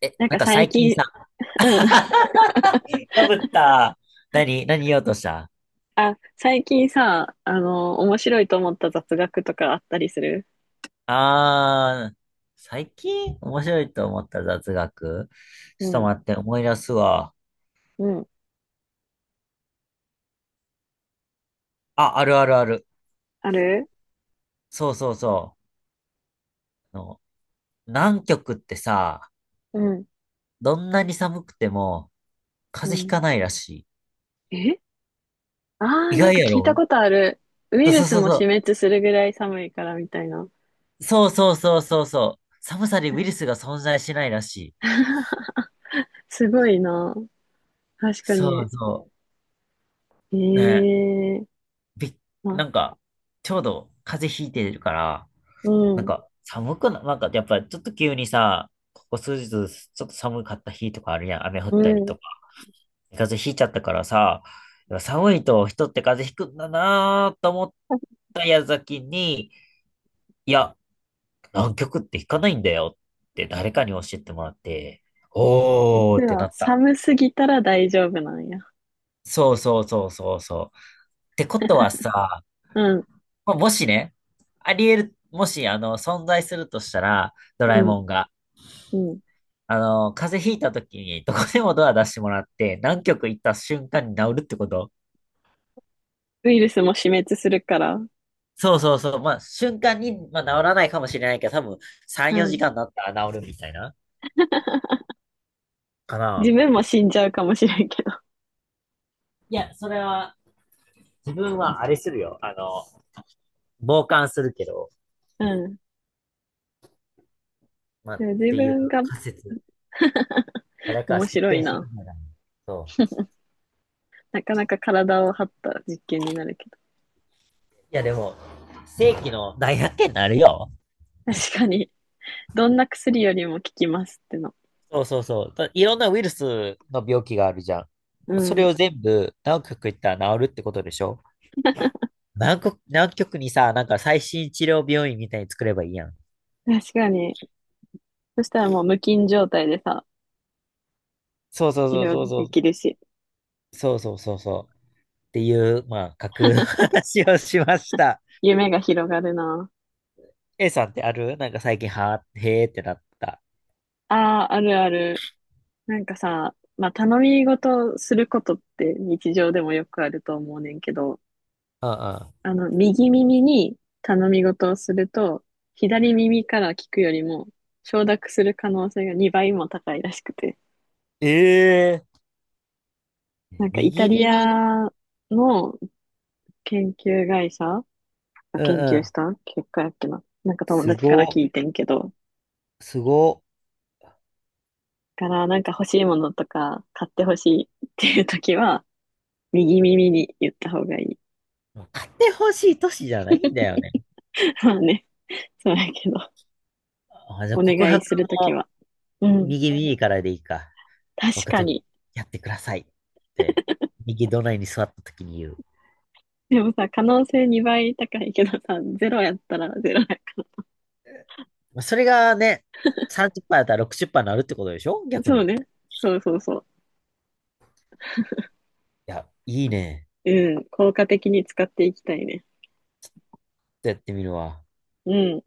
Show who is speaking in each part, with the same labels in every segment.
Speaker 1: え、
Speaker 2: なん
Speaker 1: なん
Speaker 2: か
Speaker 1: か
Speaker 2: 最
Speaker 1: 最近
Speaker 2: 近、
Speaker 1: さ、
Speaker 2: うん。
Speaker 1: かぶっ た。何言おうとした？
Speaker 2: あ、最近さ、面白いと思った雑学とかあったりする？
Speaker 1: あー、最近面白いと思った雑学？ち
Speaker 2: う
Speaker 1: ょっと
Speaker 2: ん、
Speaker 1: 待って、思い出すわ。
Speaker 2: うん。
Speaker 1: あ、あるあるある。
Speaker 2: ある？
Speaker 1: そうそうそう。南極ってさ、
Speaker 2: うん、
Speaker 1: どんなに寒くても
Speaker 2: う
Speaker 1: 風邪ひ
Speaker 2: ん。
Speaker 1: かないらし
Speaker 2: え？ああ
Speaker 1: い。
Speaker 2: ー、
Speaker 1: 意
Speaker 2: なん
Speaker 1: 外
Speaker 2: か
Speaker 1: や
Speaker 2: 聞いた
Speaker 1: ろ？
Speaker 2: ことある。ウイ
Speaker 1: そう
Speaker 2: ル
Speaker 1: そう
Speaker 2: ス
Speaker 1: そう
Speaker 2: も
Speaker 1: そ
Speaker 2: 死
Speaker 1: う。
Speaker 2: 滅するぐらい寒いからみたいな。
Speaker 1: そうそうそうそうそう。寒さにウイルスが存在しないらしい。
Speaker 2: すごいな。確か
Speaker 1: そ
Speaker 2: に。
Speaker 1: うそう。ね、
Speaker 2: ええ、
Speaker 1: びっ、
Speaker 2: あ、
Speaker 1: なんか、ちょうど風邪ひいてるから、
Speaker 2: う
Speaker 1: なん
Speaker 2: ん、
Speaker 1: か、寒くな、なんか、やっぱ、ちょっと急にさ、ここ数日、ちょっと寒かった日とかあるやん。雨降っ
Speaker 2: う
Speaker 1: たり
Speaker 2: ん。
Speaker 1: とか。風邪ひいちゃったからさ、やっぱ寒いと人って風邪ひくんだなーと思った矢先に、いや、南極ってひかないんだよって誰かに教えてもらって、お
Speaker 2: 実
Speaker 1: ーってな
Speaker 2: は
Speaker 1: った。
Speaker 2: 寒すぎたら大丈夫なんや。
Speaker 1: そうそうそうそうそう。ってことはさ、
Speaker 2: うん、
Speaker 1: まあもしね、あり得る、もし、存在するとしたら、ドラ
Speaker 2: う
Speaker 1: え
Speaker 2: ん、
Speaker 1: もんが、
Speaker 2: うん。
Speaker 1: 風邪ひいた時にどこでもドア出してもらって、何極行った瞬間に治るってこと？
Speaker 2: ウイルスも死滅するから。
Speaker 1: そうそうそう。まあ、瞬間に、まあ、治らないかもしれないけど、多分3、
Speaker 2: う
Speaker 1: 4
Speaker 2: ん。
Speaker 1: 時間だったら治るみたいな。か
Speaker 2: 自
Speaker 1: な。
Speaker 2: 分も死んじゃうかもしれんけど。
Speaker 1: いや、それは、自分はあれするよ。傍観するけど、
Speaker 2: うん。
Speaker 1: まあ、っ
Speaker 2: でも自
Speaker 1: ていう
Speaker 2: 分が
Speaker 1: 仮説。誰か
Speaker 2: 面
Speaker 1: 実
Speaker 2: 白い
Speaker 1: 験してく
Speaker 2: な。
Speaker 1: れない？そ
Speaker 2: なかなか体を張った実験になるけど。
Speaker 1: う。いや、でも、世紀の大発見になるよ。
Speaker 2: 確かに、どんな薬よりも効きますっての。
Speaker 1: そうそうそう。だいろんなウイルスの病気があるじゃん。
Speaker 2: う
Speaker 1: それ
Speaker 2: ん。
Speaker 1: を全部、何極行ったら治るってことでしょ？南国、南極にさ、なんか最新治療病院みたいに作ればいいやん。
Speaker 2: 確かに。そしたらもう無菌状態でさ、
Speaker 1: そうそう
Speaker 2: 治
Speaker 1: そうそう
Speaker 2: 療
Speaker 1: そ
Speaker 2: で
Speaker 1: う。
Speaker 2: きるし、
Speaker 1: そうそうそうそう。っていう、まあ、架空の話をしました。
Speaker 2: 夢が広がるな。
Speaker 1: A さんってある？なんか最近、はー、へーってなった。
Speaker 2: ああ、あるある。なんかさ、まあ、頼み事することって日常でもよくあると思うねんけど、
Speaker 1: うんうん。
Speaker 2: 右耳に頼み事をすると、左耳から聞くよりも承諾する可能性が2倍も高いらしくて。
Speaker 1: ええ。
Speaker 2: なんかイタ
Speaker 1: 右
Speaker 2: リ
Speaker 1: 耳に、
Speaker 2: アの研究会社が
Speaker 1: うん
Speaker 2: 研
Speaker 1: う
Speaker 2: 究し
Speaker 1: ん。
Speaker 2: た結果やっけな。なんか友
Speaker 1: す
Speaker 2: 達から聞
Speaker 1: ご、
Speaker 2: いてんけど、
Speaker 1: すご。
Speaker 2: からなんか欲しいものとか買ってほしいっていう時は、右耳に言った方がいい。
Speaker 1: 買ってほしい都市じゃないんだよね。
Speaker 2: まあね、そうやけど、
Speaker 1: あ、じゃあ
Speaker 2: お
Speaker 1: 告
Speaker 2: 願い
Speaker 1: 白
Speaker 2: するとき
Speaker 1: も
Speaker 2: は。うん、
Speaker 1: 右耳からでいいか。
Speaker 2: 確
Speaker 1: 僕
Speaker 2: か
Speaker 1: と
Speaker 2: に。
Speaker 1: やってくださいって、右隣に座った時に言う。
Speaker 2: でもさ、可能性2倍高いけどさ、ゼロやったらゼロやか
Speaker 1: まあそれがね、30%やったら60%になるってことでしょ？
Speaker 2: ら。
Speaker 1: 逆
Speaker 2: そ
Speaker 1: に。
Speaker 2: う
Speaker 1: い
Speaker 2: ね。そうそうそ
Speaker 1: や、いいね。
Speaker 2: う。うん。効果的に使っていきたいね。
Speaker 1: ちょっとやってみるわ。
Speaker 2: うん。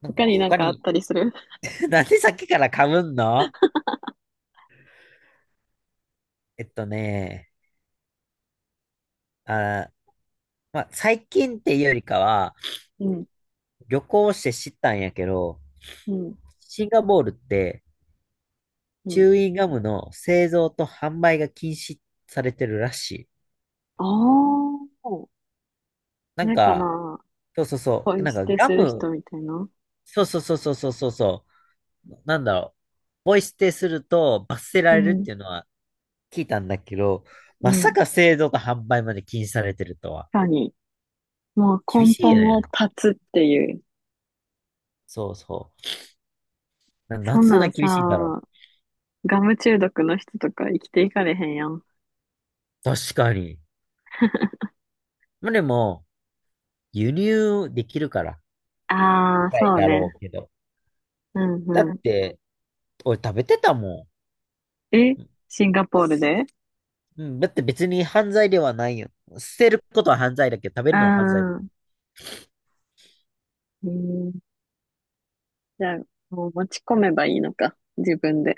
Speaker 1: なんか
Speaker 2: 他になん
Speaker 1: 他
Speaker 2: かあっ
Speaker 1: に？
Speaker 2: たりする？
Speaker 1: なんでさっきから噛むんの？えっとね、あー、まあ、最近っていうよりかは、
Speaker 2: うん、
Speaker 1: 旅行して知ったんやけど、
Speaker 2: うん、
Speaker 1: シンガポールって
Speaker 2: う
Speaker 1: チ
Speaker 2: ん。
Speaker 1: ューインガムの製造と販売が禁止されてるらしい。
Speaker 2: ああ、
Speaker 1: なん
Speaker 2: ないか
Speaker 1: か、
Speaker 2: な。
Speaker 1: そうそうそ
Speaker 2: ポ
Speaker 1: う、
Speaker 2: イ
Speaker 1: なん
Speaker 2: 捨
Speaker 1: か
Speaker 2: て
Speaker 1: ガ
Speaker 2: する
Speaker 1: ム、
Speaker 2: 人みたいな。
Speaker 1: そうそうそうそうそうそう、なんだろう、ポイ捨てすると罰せら
Speaker 2: う
Speaker 1: れるっ
Speaker 2: ん、
Speaker 1: ていうのは聞いたんだけど、
Speaker 2: う
Speaker 1: まさ
Speaker 2: ん。
Speaker 1: か製造と販売まで禁止されてるとは。
Speaker 2: 確かに。もう
Speaker 1: 厳
Speaker 2: 根
Speaker 1: しい
Speaker 2: 本を
Speaker 1: ね。
Speaker 2: 断つっていう。
Speaker 1: そうそう。なん
Speaker 2: そ
Speaker 1: で
Speaker 2: ん
Speaker 1: そん
Speaker 2: な
Speaker 1: な
Speaker 2: ん
Speaker 1: 厳しいんだろ
Speaker 2: さ、ガム中毒の人とか生きていかれへんやん。
Speaker 1: う？確かに。まあ、でも、輸入できるから、
Speaker 2: ああ、
Speaker 1: 高い
Speaker 2: そう
Speaker 1: だろ
Speaker 2: ね。
Speaker 1: うけど。
Speaker 2: うん、
Speaker 1: だっ
Speaker 2: うん。
Speaker 1: て、俺食べてたもん。
Speaker 2: え、シンガポールで？
Speaker 1: うん、だって別に犯罪ではないよ。捨てることは犯罪だけど、食べ
Speaker 2: う
Speaker 1: るのは犯罪だ？
Speaker 2: ん。うん、じゃあ、もう持ち込めばいいのか。自分で。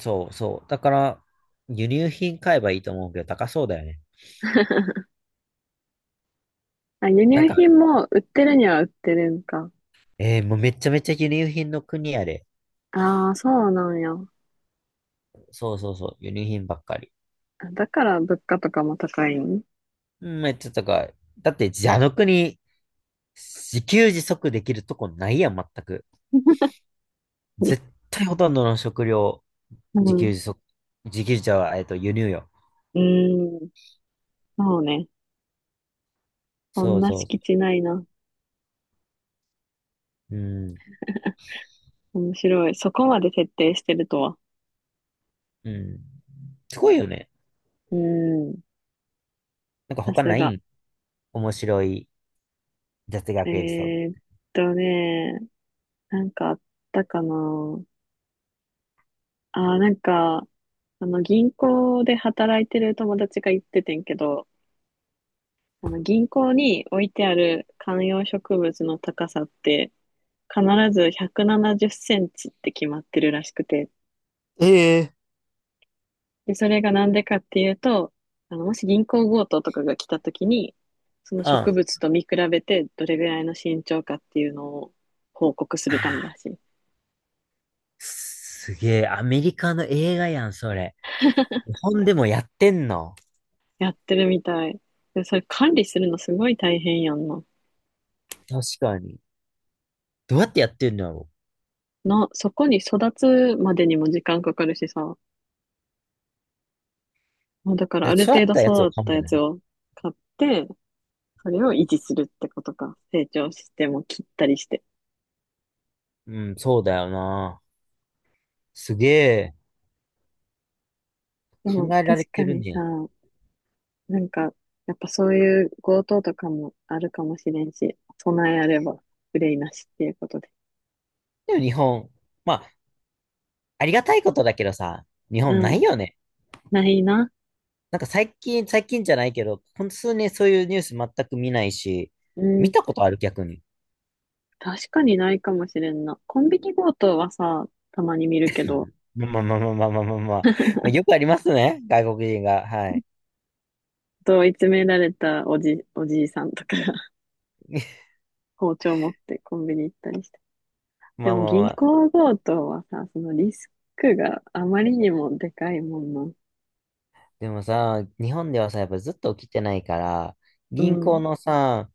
Speaker 1: そうそう。だから、輸入品買えばいいと思うけど、高そうだよね。
Speaker 2: あ、輸
Speaker 1: なん
Speaker 2: 入
Speaker 1: か、
Speaker 2: 品も売ってるには売ってるんか。
Speaker 1: もうめちゃめちゃ輸入品の国やで。
Speaker 2: ああ、そうなんや。あ、
Speaker 1: そうそうそう、輸入品ばっかり。
Speaker 2: だから物価とかも高いん？
Speaker 1: めっちゃ高い。だって、あの国、自給自足できるとこないやん、全く。絶対ほとんどの食料、
Speaker 2: う
Speaker 1: 自給
Speaker 2: ん。
Speaker 1: 自足、自給自足は、輸入よ。
Speaker 2: うーん。そうね。そん
Speaker 1: そう
Speaker 2: な
Speaker 1: そう
Speaker 2: 敷
Speaker 1: そ
Speaker 2: 地ないな。
Speaker 1: う。うん、
Speaker 2: 面白い。そこまで徹底してるとは。
Speaker 1: うん。すごいよね。
Speaker 2: うーん。
Speaker 1: なんか
Speaker 2: さ
Speaker 1: 他
Speaker 2: す
Speaker 1: ない
Speaker 2: が。
Speaker 1: ん？面白い雑学エピソード？
Speaker 2: えーっね、なんかあったかな。あー、なんか、銀行で働いてる友達が言っててんけど、あの銀行に置いてある観葉植物の高さって必ず170センチって決まってるらしくて、
Speaker 1: ええ。
Speaker 2: で、それがなんでかっていうと、もし銀行強盗とかが来た時に、その
Speaker 1: うん。
Speaker 2: 植
Speaker 1: あ
Speaker 2: 物と見比べてどれぐらいの身長かっていうのを報告するため
Speaker 1: あ、
Speaker 2: だし、
Speaker 1: すげえ、アメリカの映画やん、それ。日本でもやってんの？
Speaker 2: やってるみたい。で、それ管理するのすごい大変やんな。
Speaker 1: 確かに。どうやってやってんのやろ？
Speaker 2: な、そこに育つまでにも時間かかるしさ、まあだから
Speaker 1: え、
Speaker 2: ある
Speaker 1: 育
Speaker 2: 程
Speaker 1: っ
Speaker 2: 度
Speaker 1: たやつを
Speaker 2: 育っ
Speaker 1: 買うん
Speaker 2: た
Speaker 1: だ
Speaker 2: やつ
Speaker 1: ね。
Speaker 2: を買って、それを維持するってことか。成長しても切ったりして。
Speaker 1: うん、そうだよな。すげえ、
Speaker 2: で
Speaker 1: 考
Speaker 2: も
Speaker 1: えら
Speaker 2: 確
Speaker 1: れ
Speaker 2: か
Speaker 1: てる
Speaker 2: にさ、
Speaker 1: ね。
Speaker 2: なんか、やっぱそういう強盗とかもあるかもしれんし、備えあれば憂いなしっていうことで。
Speaker 1: でも日本、まあ、ありがたいことだけどさ、日本
Speaker 2: う
Speaker 1: な
Speaker 2: ん、
Speaker 1: いよね。
Speaker 2: ないな。
Speaker 1: なんか最近、最近じゃないけど、この数年そういうニュース全く見ないし、
Speaker 2: う
Speaker 1: 見
Speaker 2: ん、
Speaker 1: たことある？逆に。
Speaker 2: 確かにないかもしれんな。コンビニ強盗はさ、たまに見るけど、
Speaker 1: まあまあまあまあまあまあまあ、まあ、よくありますね、外国人が。はい。
Speaker 2: 問い詰められたおじいさんとかが 包丁持ってコンビニ行ったりして。
Speaker 1: ま
Speaker 2: で
Speaker 1: あ
Speaker 2: も
Speaker 1: まあま
Speaker 2: 銀
Speaker 1: あ。
Speaker 2: 行強盗はさ、そのリスクがあまりにもでかいもんな。
Speaker 1: でもさ、日本ではさ、やっぱずっと起きてないから、
Speaker 2: う
Speaker 1: 銀行
Speaker 2: ん。
Speaker 1: のさ、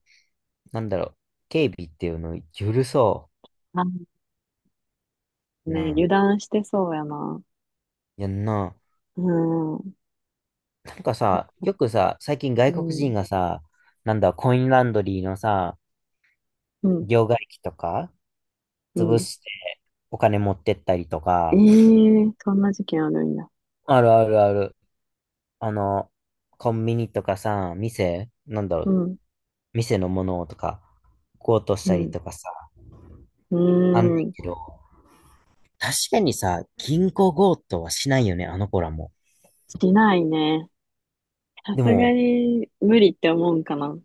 Speaker 1: なんだろう、警備っていうのを許そ
Speaker 2: あ、
Speaker 1: う。
Speaker 2: ね、
Speaker 1: な
Speaker 2: 油
Speaker 1: あ。
Speaker 2: 断してそうやな。
Speaker 1: やんな。
Speaker 2: うん。
Speaker 1: なんか
Speaker 2: て
Speaker 1: さ、
Speaker 2: か、
Speaker 1: よくさ、最近
Speaker 2: う
Speaker 1: 外国
Speaker 2: ん。
Speaker 1: 人がさ、なんだ、コインランドリーのさ、
Speaker 2: うん。
Speaker 1: 両替機とか、
Speaker 2: う
Speaker 1: 潰
Speaker 2: ん。
Speaker 1: してお金持ってったりと
Speaker 2: ええ
Speaker 1: か、
Speaker 2: ー、そんな事件あるんや。
Speaker 1: あるあるある。あの、コンビニとかさ、なんだろ
Speaker 2: う
Speaker 1: う、
Speaker 2: ん。
Speaker 1: 店のものとか、強盗し
Speaker 2: う
Speaker 1: たり
Speaker 2: ん。
Speaker 1: とかさ、
Speaker 2: う
Speaker 1: あんねん
Speaker 2: ーん。
Speaker 1: けど、確かにさ、銀行強盗はしないよね、あの子らも。
Speaker 2: しないね。さ
Speaker 1: で
Speaker 2: すが
Speaker 1: も、
Speaker 2: に無理って思うんかな。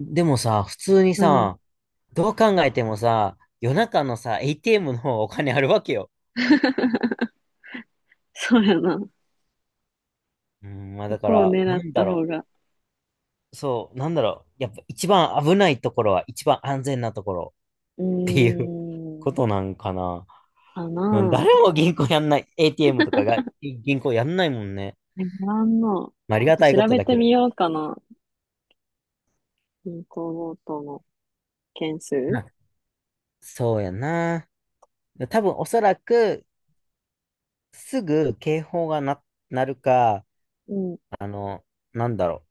Speaker 1: でもさ、普通に
Speaker 2: うん。
Speaker 1: さ、どう考えてもさ、夜中のさ、ATM の方がお金あるわけよ。
Speaker 2: そうやな。
Speaker 1: うん、まあ
Speaker 2: そ
Speaker 1: だか
Speaker 2: こを
Speaker 1: ら、
Speaker 2: 狙
Speaker 1: な
Speaker 2: っ
Speaker 1: んだ
Speaker 2: た
Speaker 1: ろ
Speaker 2: 方が。
Speaker 1: う。そう、なんだろう。やっぱ一番危ないところは一番安全なところ
Speaker 2: う
Speaker 1: っていう
Speaker 2: ー
Speaker 1: こ
Speaker 2: ん。
Speaker 1: となんかな。
Speaker 2: かな
Speaker 1: 誰も銀行やんない。ATM とかが銀行やんないもんね。
Speaker 2: ぁ。え、ごの。
Speaker 1: まあ、あり
Speaker 2: ちょっ
Speaker 1: が
Speaker 2: と
Speaker 1: たいこ
Speaker 2: 調
Speaker 1: と
Speaker 2: べ
Speaker 1: だ
Speaker 2: て
Speaker 1: けど。
Speaker 2: みようかな。銀行強盗の件数。
Speaker 1: な、そうやな。多分おそらくすぐ警報がな、なるか、
Speaker 2: うん。
Speaker 1: あの、なんだろ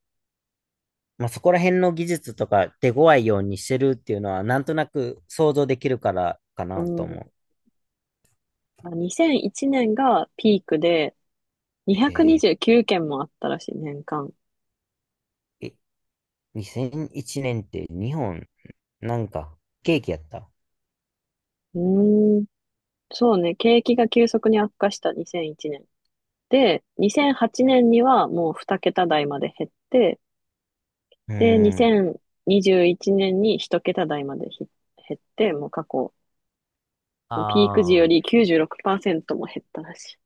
Speaker 1: う。まあ、そこら辺の技術とか手強いようにしてるっていうのはなんとなく想像できるからか
Speaker 2: う
Speaker 1: なと
Speaker 2: ん。
Speaker 1: 思う。
Speaker 2: あ、2001年がピークで、
Speaker 1: へえ。
Speaker 2: 229件もあったらしい、年間。
Speaker 1: え2001年って日本、なんか、ケーキやった。
Speaker 2: うーん、そうね、景気が急速に悪化した2001年。で、2008年にはもう2桁台まで減って、
Speaker 1: う
Speaker 2: で、
Speaker 1: ーん。
Speaker 2: 2021年に1桁台までひ減って、もう過去、ピーク時より
Speaker 1: あ
Speaker 2: 96%も減ったらしい。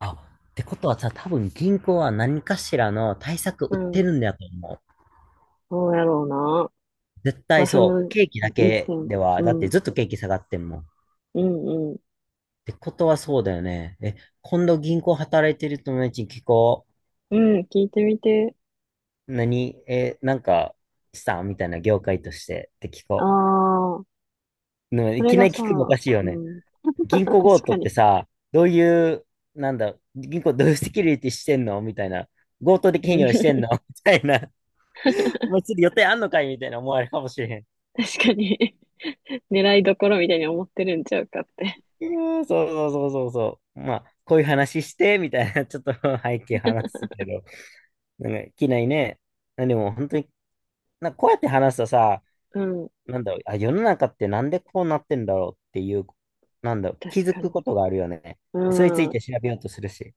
Speaker 1: あ。あ、ってことはさ、多分銀行は何かしらの対策
Speaker 2: う
Speaker 1: 売って
Speaker 2: ん。
Speaker 1: るんだと思う。
Speaker 2: そうやろうな。
Speaker 1: 絶
Speaker 2: ま
Speaker 1: 対
Speaker 2: あ、そ
Speaker 1: そ
Speaker 2: の、
Speaker 1: う。ケーキだけ
Speaker 2: 2000、
Speaker 1: では、
Speaker 2: う
Speaker 1: だって
Speaker 2: ん、
Speaker 1: ずっとケーキ下がってんもん。っ
Speaker 2: うん、うん、
Speaker 1: てことはそうだよね。え、今度銀行働いてる友達に聞こう。
Speaker 2: うん、聞いてみて。
Speaker 1: なんか、したみたいな業界としてって聞
Speaker 2: あ
Speaker 1: こ
Speaker 2: あ。
Speaker 1: う。でも
Speaker 2: そ
Speaker 1: い
Speaker 2: れ
Speaker 1: き
Speaker 2: が
Speaker 1: なり
Speaker 2: さ、
Speaker 1: 聞くのおかしいよ
Speaker 2: う
Speaker 1: ね。
Speaker 2: ん。
Speaker 1: 銀
Speaker 2: 確
Speaker 1: 行強盗
Speaker 2: か
Speaker 1: って
Speaker 2: に。
Speaker 1: さ、どういう、なんだ、銀行どういうセキュリティしてんのみたいな。強盗で
Speaker 2: う
Speaker 1: 企業して
Speaker 2: ん。
Speaker 1: んの みたいな。お前次予定あんのかいみたいな思われるかもしれへん。
Speaker 2: 確かに。 狙いどころみたいに思ってるんちゃうかって。
Speaker 1: うーん、そうそうそうそうそう。まあ、こういう話して、みたいな、ちょっと 背景話 すけど。なんか、機内ね。でも本当に、なんかこうやって話すとさ、
Speaker 2: うん。
Speaker 1: なんだろう、あ、世の中ってなんでこうなってんだろうっていう、なんだろう、
Speaker 2: 確
Speaker 1: 気づ
Speaker 2: か
Speaker 1: く
Speaker 2: に。
Speaker 1: ことがあるよね。それにつ
Speaker 2: う
Speaker 1: い
Speaker 2: ん。
Speaker 1: て調べようとするし。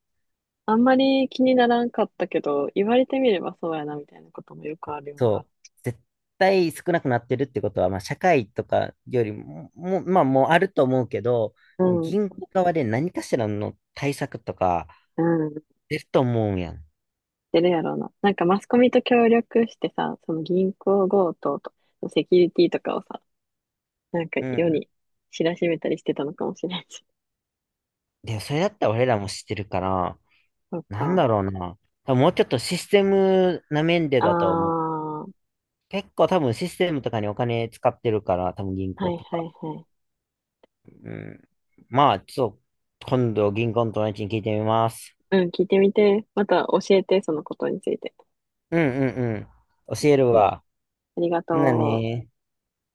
Speaker 2: あんまり気にならんかったけど、言われてみればそうやなみたいなこともよくあるよ
Speaker 1: そ
Speaker 2: な。
Speaker 1: う。絶対少なくなってるってことは、まあ、社会とかよりも、もう、まあ、もうあると思うけど、
Speaker 2: う
Speaker 1: でも
Speaker 2: ん。
Speaker 1: 銀行側で何かしらの対策とか
Speaker 2: うん。
Speaker 1: 出ると思うやん。
Speaker 2: 出るやろうな。なんかマスコミと協力してさ、その銀行強盗とセキュリティとかをさ、なんか
Speaker 1: う
Speaker 2: 世
Speaker 1: ん。
Speaker 2: に知らしめたりしてたのかもしれんし。
Speaker 1: で、それだったら俺らも知ってるから、
Speaker 2: そっ
Speaker 1: なん
Speaker 2: か。
Speaker 1: だろうな。多分もうちょっとシステムな面で
Speaker 2: あ
Speaker 1: だと思う。
Speaker 2: あ、は
Speaker 1: 結構多分システムとかにお金使ってるから、多分銀
Speaker 2: いは
Speaker 1: 行
Speaker 2: い
Speaker 1: とか。
Speaker 2: はい。
Speaker 1: うん。まあ、ちょっと、今度銀行の友達に聞いてみます。
Speaker 2: うん、聞いてみて。また教えて、そのことについて。
Speaker 1: うんうんうん。教える
Speaker 2: うん、
Speaker 1: わ。
Speaker 2: ありが
Speaker 1: ほんな
Speaker 2: とう。
Speaker 1: ね。